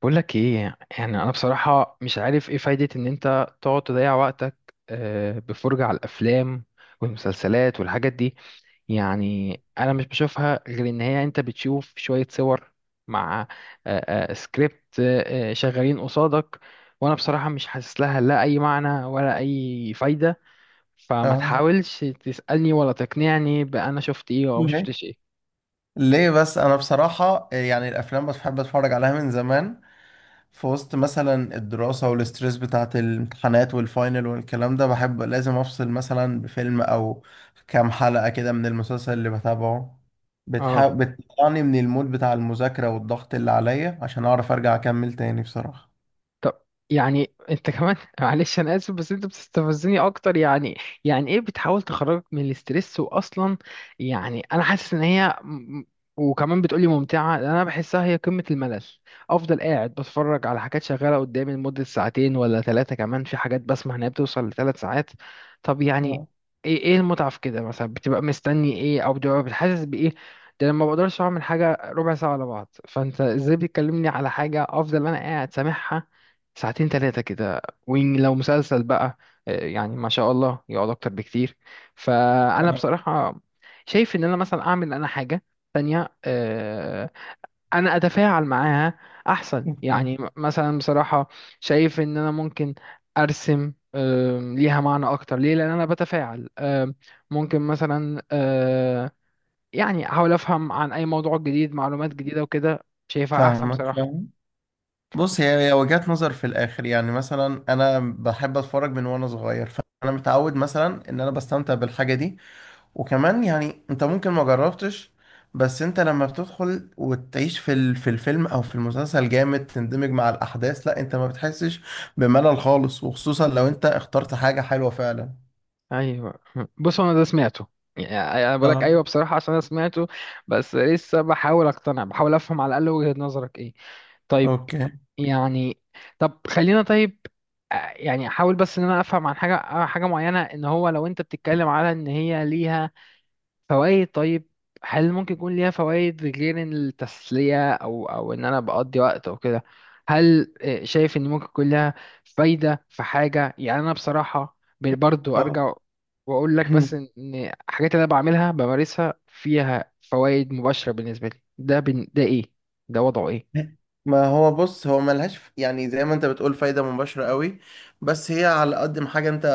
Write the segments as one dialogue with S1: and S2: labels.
S1: بقول لك ايه؟ يعني انا بصراحة مش عارف ايه فايدة ان انت تقعد تضيع وقتك، بفرجة على الافلام والمسلسلات والحاجات دي. يعني انا مش بشوفها غير ان هي انت بتشوف شوية صور مع سكريبت شغالين قصادك. وانا بصراحة مش حاسس لها لا اي معنى ولا اي فايدة، فما
S2: اه.
S1: تحاولش تسألني ولا تقنعني بأنا شفت ايه او
S2: مم.
S1: ما
S2: ليه
S1: شفتش ايه.
S2: ليه بس انا بصراحة، يعني الافلام بس بحب اتفرج عليها من زمان. في وسط مثلا الدراسة والستريس بتاعت الامتحانات والفاينل والكلام ده، بحب لازم أفصل مثلا بفيلم أو كام حلقة كده من المسلسل اللي بتابعه.
S1: اه.
S2: بتطلعني من المود بتاع المذاكرة والضغط اللي عليا عشان أعرف أرجع أكمل تاني بصراحة.
S1: طب يعني انت كمان معلش انا اسف، بس انت بتستفزني اكتر يعني. يعني ايه بتحاول تخرجك من الاسترس واصلا؟ يعني انا حاسس ان هي وكمان بتقولي ممتعه، انا بحسها هي قمه الملل. افضل قاعد بتفرج على حاجات شغاله قدامي لمده ساعتين ولا ثلاثه، كمان في حاجات بسمع انها بتوصل لثلاث ساعات. طب يعني
S2: اه.
S1: ايه المتعه في كده؟ مثلا بتبقى مستني ايه، او بتبقى بتحسس بايه؟ ده لما بقدرش اعمل حاجه ربع ساعه على بعض، فانت ازاي بتكلمني على حاجه افضل انا قاعد سامعها ساعتين ثلاثة كده؟ ولو مسلسل بقى، يعني ما شاء الله يقعد أكتر بكتير. فأنا
S2: آه،
S1: بصراحة شايف إن أنا مثلا أعمل أنا حاجة تانية، أنا أتفاعل معاها أحسن
S2: اوكي.
S1: يعني، مثلا بصراحة شايف إن أنا ممكن أرسم، ليها معنى أكتر. ليه؟ لأن أنا بتفاعل، ممكن مثلا يعني أحاول أفهم عن أي موضوع جديد معلومات جديدة، وكده شايفها أحسن
S2: فاهمك
S1: بصراحة.
S2: فاهم. بص، هي وجهات نظر في الاخر. يعني مثلا انا بحب اتفرج من وانا صغير، فانا متعود مثلا ان انا بستمتع بالحاجه دي. وكمان يعني انت ممكن ما جربتش، بس انت لما بتدخل وتعيش في في الفيلم او في المسلسل جامد، تندمج مع الاحداث. لا، انت ما بتحسش بملل خالص، وخصوصا لو انت اخترت حاجة حلوة فعلا.
S1: ايوه بص انا ده سمعته، يعني انا بقول لك
S2: اه.
S1: ايوه بصراحه عشان انا سمعته. بس لسه بحاول اقتنع، بحاول افهم على الاقل وجهه نظرك ايه. طيب.
S2: اوكي.
S1: يعني طب خلينا طيب، يعني احاول بس ان انا افهم عن حاجه معينه. ان هو لو انت بتتكلم على ان هي ليها فوائد، طيب، هل ممكن يكون ليها فوائد غير إن التسلية أو إن أنا بقضي وقت أو كده؟ هل شايف إن ممكن يكون لها فايدة في حاجة؟ يعني أنا بصراحة برضو
S2: اه.
S1: أرجع وأقول لك، بس إن الحاجات اللي أنا بعملها بمارسها فيها فوائد مباشرة بالنسبة لي، ده ده إيه؟ ده وضعه إيه؟
S2: ما هو بص، هو ملهاش يعني زي ما انت بتقول فايدة مباشرة قوي. بس هي على قد ما حاجة انت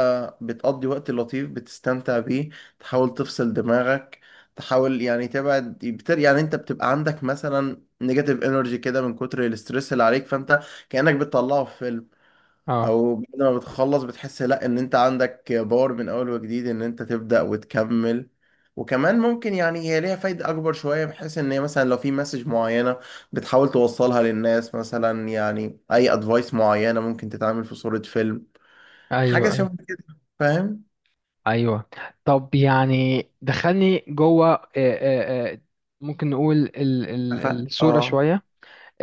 S2: بتقضي وقت لطيف بتستمتع بيه، تحاول تفصل دماغك، تحاول يعني تبعد بتر. يعني انت بتبقى عندك مثلا نيجاتيف انرجي كده من كتر الاسترس اللي عليك، فانت كأنك بتطلعه في فيلم.
S1: اه،
S2: او بعد ما بتخلص بتحس، لا، ان انت عندك باور من اول وجديد ان انت تبدأ وتكمل. وكمان ممكن يعني هي ليها فايدة اكبر شوية، بحيث ان هي مثلا لو في مسج معينة بتحاول توصلها للناس. مثلا يعني اي ادفايس معينة ممكن تتعمل في صورة فيلم.
S1: ايوه
S2: حاجة
S1: ايوه
S2: شبه كده، فاهم؟
S1: ايوه. طب يعني دخلني جوه، ممكن نقول
S2: ف...
S1: الصورة
S2: اه.
S1: شوية.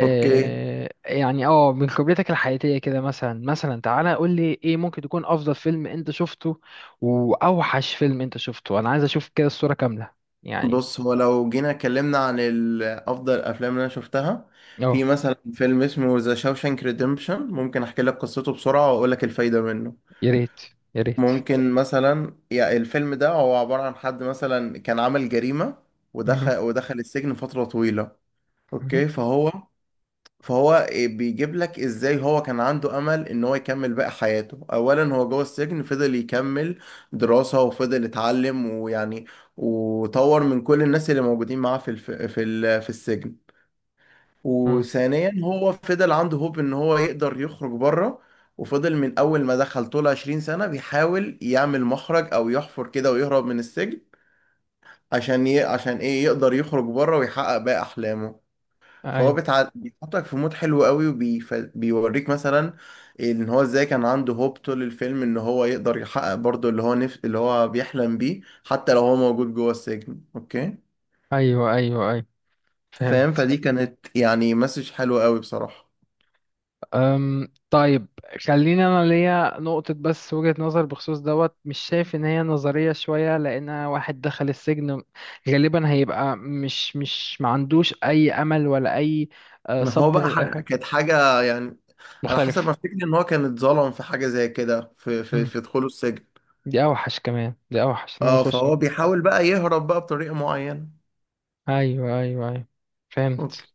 S2: اوكي.
S1: يعني من خبرتك الحياتية كده، مثلا تعالى قول لي، ايه ممكن تكون افضل فيلم انت شفته، واوحش فيلم انت شفته؟ انا عايز اشوف كده الصورة كاملة. يعني
S2: بص، هو لو جينا اتكلمنا عن افضل الافلام اللي انا شفتها، في
S1: اه
S2: مثلا فيلم اسمه ذا شاوشانك ريديمبشن. ممكن احكي لك قصته بسرعة واقول لك الفايدة منه.
S1: يا ريت، يا ريت.
S2: ممكن مثلا، يعني الفيلم ده هو عبارة عن حد مثلا كان عمل جريمة
S1: مهم،
S2: ودخل السجن فترة طويلة.
S1: مهم،
S2: اوكي، فهو إيه، بيجيب لك ازاي هو كان عنده امل ان هو يكمل باقي حياته. اولا، هو جوه السجن فضل يكمل دراسة وفضل يتعلم، ويعني وطور من كل الناس اللي موجودين معاه في في السجن.
S1: مهم.
S2: وثانيا، هو فضل عنده هوب ان هو يقدر يخرج بره. وفضل من اول ما دخل طول 20 سنة بيحاول يعمل مخرج او يحفر كده ويهرب من السجن، عشان عشان ايه، يقدر يخرج بره ويحقق باقي احلامه. فهو
S1: ايوه
S2: بيحطك في مود حلو قوي، وبيوريك مثلا ان هو ازاي كان عنده هوب طول الفيلم ان هو يقدر يحقق برضه اللي هو اللي هو بيحلم بيه، حتى لو هو موجود جوه السجن. اوكي،
S1: ايوه ايوه ايوه،
S2: فاهم؟
S1: فهمت.
S2: فدي كانت يعني مسج حلوة قوي بصراحة.
S1: طيب، خليني انا ليا نقطة بس، وجهة نظر بخصوص دوت. مش شايف ان هي نظرية شوية؟ لان واحد دخل السجن غالبا هيبقى مش ما عندوش اي امل ولا اي
S2: ما هو
S1: صبر
S2: بقى
S1: لأي حاجة.
S2: كانت حاجة، يعني على حسب
S1: مختلف.
S2: ما افتكر ان هو كان اتظلم في حاجة زي كده في في
S1: مم.
S2: في دخوله السجن.
S1: دي اوحش، كمان دي اوحش ان هو
S2: اه،
S1: يخش.
S2: فهو بيحاول بقى يهرب بقى بطريقة معينة.
S1: ايوه ايوه ايوه، فهمت.
S2: اوكي.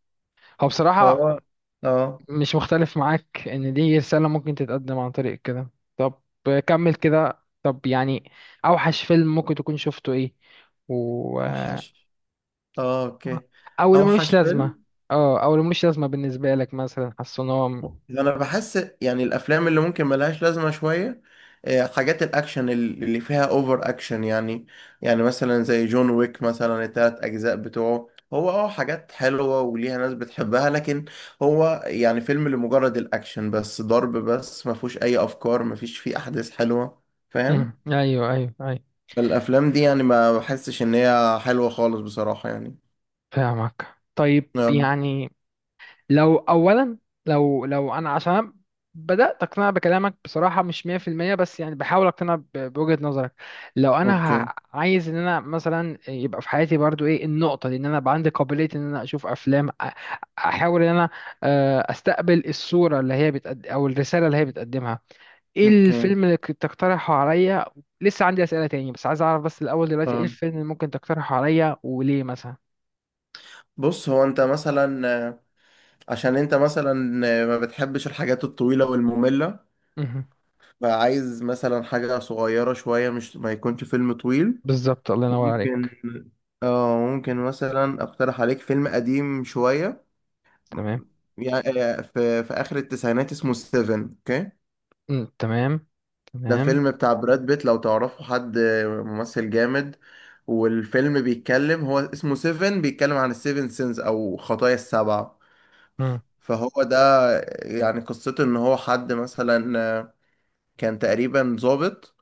S1: هو بصراحة
S2: فهو... اه.
S1: مش مختلف معاك ان دي رسالة ممكن تتقدم عن طريق كده. طب كمل كده، طب يعني اوحش فيلم ممكن تكون شفته ايه؟ و...
S2: اوحش. اه، اوكي.
S1: او اللي ملوش
S2: اوحش
S1: لازمة.
S2: فيلم.
S1: اه، او اللي ملوش لازمة بالنسبة لك، مثلا حاسس ان هو
S2: انا بحس يعني الافلام اللي ممكن ملهاش لازمه شويه، حاجات الاكشن اللي فيها اوفر اكشن يعني. يعني مثلا زي جون ويك مثلا، التلات اجزاء بتوعه، هو اه حاجات حلوه وليها ناس بتحبها، لكن هو يعني فيلم لمجرد الاكشن بس، ضرب بس، ما فيهوش اي افكار، ما فيش فيه احداث حلوه، فاهم؟
S1: مم. ايوه ايوه ايوه.
S2: الافلام دي يعني ما بحسش ان هي حلوه خالص بصراحه يعني.
S1: فاهمك. طيب
S2: آه،
S1: يعني، لو اولا، لو انا، عشان أنا بدات اقتنع بكلامك بصراحه، مش 100% بس يعني بحاول اقتنع بوجهه نظرك. لو انا
S2: اوكي.
S1: عايز ان انا مثلا يبقى في حياتي برضو ايه النقطه دي، ان انا يبقى عندي قابليه ان انا اشوف افلام، احاول ان انا استقبل الصوره اللي هي بتقد، او الرساله اللي هي بتقدمها. ايه
S2: اوكي.
S1: الفيلم اللي كنت تقترحه عليا؟ لسه عندي اسئله تاني، بس عايز اعرف بس الاول دلوقتي ايه
S2: آه.
S1: الفيلم اللي ممكن تقترحه عليا، وليه مثلا.
S2: بص، هو انت مثلا، عشان انت مثلا ما بتحبش الحاجات الطويلة والمملة،
S1: مهم.
S2: فعايز مثلا حاجة صغيرة شوية، مش ما يكونش فيلم طويل.
S1: بالظبط الله ينور
S2: ممكن
S1: عليك.
S2: اه، ممكن مثلا اقترح عليك فيلم قديم شوية،
S1: تمام.
S2: يعني في في اخر التسعينات اسمه سيفن. اوكي،
S1: مم، تمام.
S2: ده
S1: تمام.
S2: فيلم بتاع براد بيت، لو تعرفوا حد ممثل جامد. والفيلم بيتكلم، هو اسمه سيفن، بيتكلم عن السيفن سينز او خطايا السبعة.
S1: مم.
S2: فهو ده يعني، قصته ان هو حد مثلا كان تقريبا ظابط،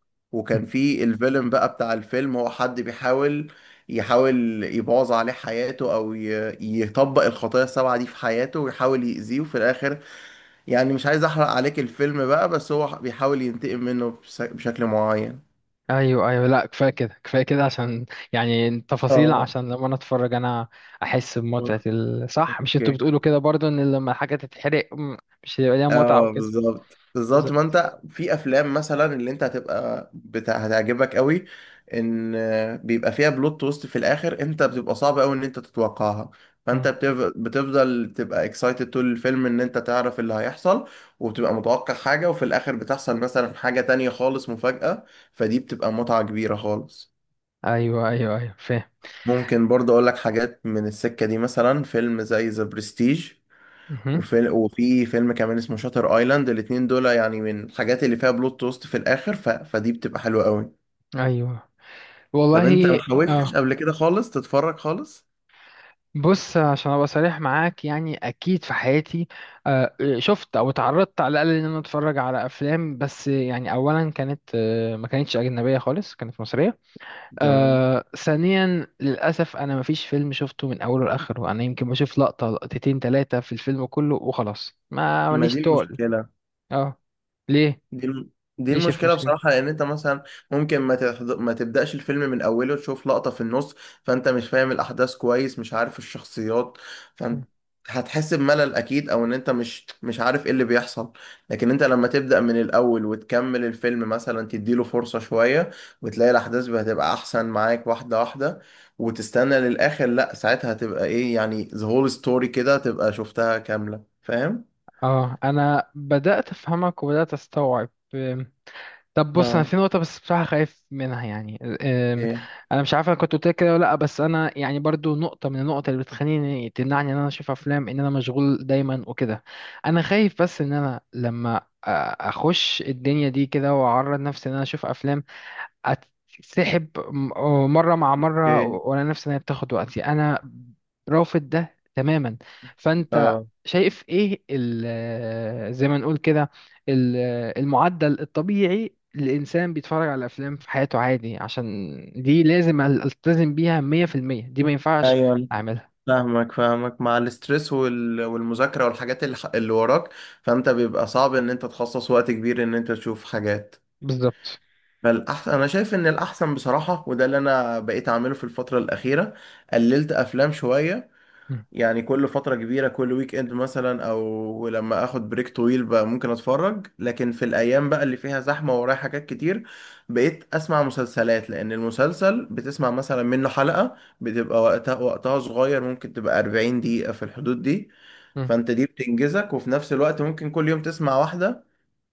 S1: مم.
S2: وكان في الفيلم بقى، بتاع الفيلم هو حد بيحاول يحاول يبوظ عليه حياته، او يطبق الخطايا السبعة دي في حياته ويحاول يأذيه. وفي الاخر يعني مش عايز احرق عليك الفيلم بقى، بس هو بيحاول ينتقم منه بشكل معين.
S1: ايوه ايوه، لا كفايه كده كفايه كده، عشان يعني تفاصيل،
S2: اه،
S1: عشان لما انا اتفرج انا احس بمتعه صح؟ مش انتوا
S2: اوكي.
S1: بتقولوا كده برضو ان لما الحاجه تتحرق مش هيبقى ليها متعه او
S2: اه،
S1: كده؟
S2: بالظبط بالظبط. ما
S1: بالظبط.
S2: انت في افلام مثلا اللي انت هتبقى بتاع هتعجبك قوي، ان بيبقى فيها بلوت تويست في الاخر، انت بتبقى صعب قوي ان انت تتوقعها، فانت
S1: مم.
S2: بتفضل تبقى اكسايتد طول الفيلم ان انت تعرف اللي هيحصل. وبتبقى متوقع حاجة وفي الاخر بتحصل مثلا حاجة تانية خالص، مفاجأة، فدي بتبقى متعة كبيرة خالص.
S1: ايوه ايوه ايوه، فاهم.
S2: ممكن برضه اقول لك حاجات من السكة دي، مثلا فيلم زي ذا برستيج،
S1: مهم.
S2: وفي فيلم كمان اسمه شاتر ايلاند. الاتنين دول يعني من الحاجات اللي فيها بلوت توست في الاخر، فدي بتبقى حلوة قوي.
S1: ايوه،
S2: طب انت ما
S1: والله.
S2: حاولتش
S1: اه.
S2: قبل كده خالص تتفرج خالص؟
S1: بص عشان ابقى صريح معاك، يعني اكيد في حياتي شفت او اتعرضت على الاقل ان انا اتفرج على افلام، بس يعني اولا كانت ما كانتش اجنبيه خالص، كانت مصريه.
S2: تمام.
S1: ثانيا، للأسف أنا مفيش فيلم شفته من أوله لآخره. أنا يمكن بشوف لقطة لقطتين تلاتة في الفيلم كله وخلاص، ما
S2: ما
S1: ماليش
S2: دي
S1: تقل.
S2: المشكلة.
S1: اه. ليه؟
S2: دي الم- دي
S1: ليه شايف
S2: المشكلة
S1: مشكلة؟
S2: بصراحة، لأن أنت مثلا ممكن ما تبدأش الفيلم من أوله تشوف لقطة في النص، فأنت مش فاهم الأحداث كويس، مش عارف الشخصيات، فأنت هتحس بملل أكيد، أو إن أنت مش عارف إيه اللي بيحصل. لكن أنت لما تبدأ من الأول وتكمل الفيلم مثلا، تديله فرصة شوية، وتلاقي الأحداث هتبقى أحسن معاك واحدة واحدة. وتستنى للآخر، لأ، ساعتها هتبقى إيه يعني the whole story كده، تبقى شفتها كاملة، فاهم؟
S1: اه أنا بدأت أفهمك وبدأت أستوعب. طب بص، انا
S2: اه،
S1: في نقطه بس بصراحه خايف منها يعني، أم،
S2: إيه؟
S1: انا مش عارف انا كنت قلت لك كده ولا لا، بس انا يعني برضو نقطه من النقط اللي بتخليني تمنعني ان انا اشوف افلام، ان انا مشغول دايما وكده. انا خايف بس ان انا لما اخش الدنيا دي كده واعرض نفسي ان انا اشوف افلام، اتسحب مرة مع مرة،
S2: إيه؟
S1: وانا نفسي ان هي بتاخد وقتي، انا رافض ده تماما. فانت شايف ايه زي ما نقول كده ال- المعدل الطبيعي الانسان بيتفرج على الافلام في حياته عادي؟ عشان دي لازم التزم بيها 100%، دي ما ينفعش
S2: آه،
S1: اعملها.
S2: فاهمك فاهمك. مع الاسترس والمذاكرة والحاجات اللي وراك، فانت بيبقى صعب ان انت تخصص وقت كبير ان انت تشوف حاجات.
S1: بالظبط.
S2: فالأحسن، أنا شايف إن الأحسن بصراحة، وده اللي أنا بقيت أعمله في الفترة الأخيرة، قللت أفلام شوية.
S1: مم.
S2: يعني كل فترة كبيرة، كل ويك اند مثلا، او لما اخد بريك طويل بقى، ممكن اتفرج. لكن في الايام بقى اللي فيها زحمة ورايا حاجات كتير، بقيت اسمع مسلسلات، لان المسلسل بتسمع مثلا منه حلقة بتبقى وقتها صغير، ممكن تبقى 40 دقيقة في الحدود دي.
S1: مم.
S2: فانت دي بتنجزك، وفي نفس الوقت ممكن كل يوم تسمع واحدة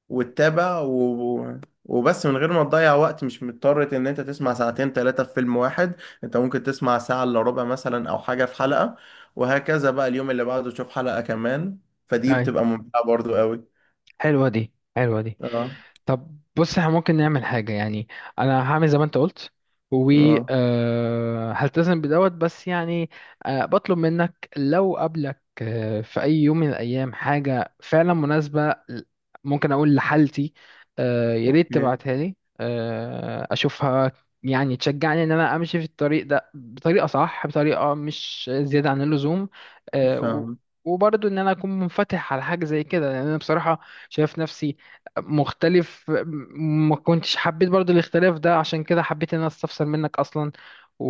S2: وتتابع وبس من غير ما تضيع وقت، مش مضطر ان انت تسمع ساعتين ثلاثة في فيلم واحد. انت ممكن تسمع ساعة الا ربع مثلا او حاجة في حلقة، وهكذا بقى. اليوم اللي بعده تشوف حلقة كمان، فدي
S1: اي،
S2: بتبقى ممتعة برضو قوي.
S1: حلوة دي حلوة دي.
S2: اه.
S1: طب بص احنا ممكن نعمل حاجة يعني، انا هعمل زي ما انت قلت، و
S2: اه،
S1: هلتزم بدوت، بس يعني بطلب منك لو قابلك في اي يوم من الايام حاجة فعلا مناسبة ممكن اقول لحالتي، يا ريت
S2: اوكي،
S1: تبعتها لي اشوفها. يعني تشجعني ان انا امشي في الطريق ده بطريقة صح، بطريقة مش زيادة عن اللزوم، آه، و-
S2: فاهم.
S1: وبرضه ان انا اكون منفتح على حاجة زي كده، لان انا بصراحة شايف نفسي مختلف، ما كنتش حبيت برضو الاختلاف ده، عشان كده حبيت ان انا استفسر منك اصلا. و...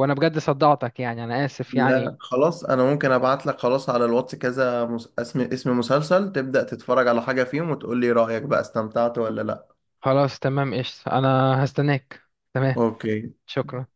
S1: وانا بجد صدعتك، يعني انا اسف يعني.
S2: لا خلاص، انا ممكن ابعت لك خلاص على الواتس كذا اسم مسلسل، تبدأ تتفرج على حاجة فيهم وتقول لي رأيك بقى استمتعت ولا لا.
S1: خلاص تمام قشطة، انا هستناك. تمام.
S2: اوكي.
S1: شكرا.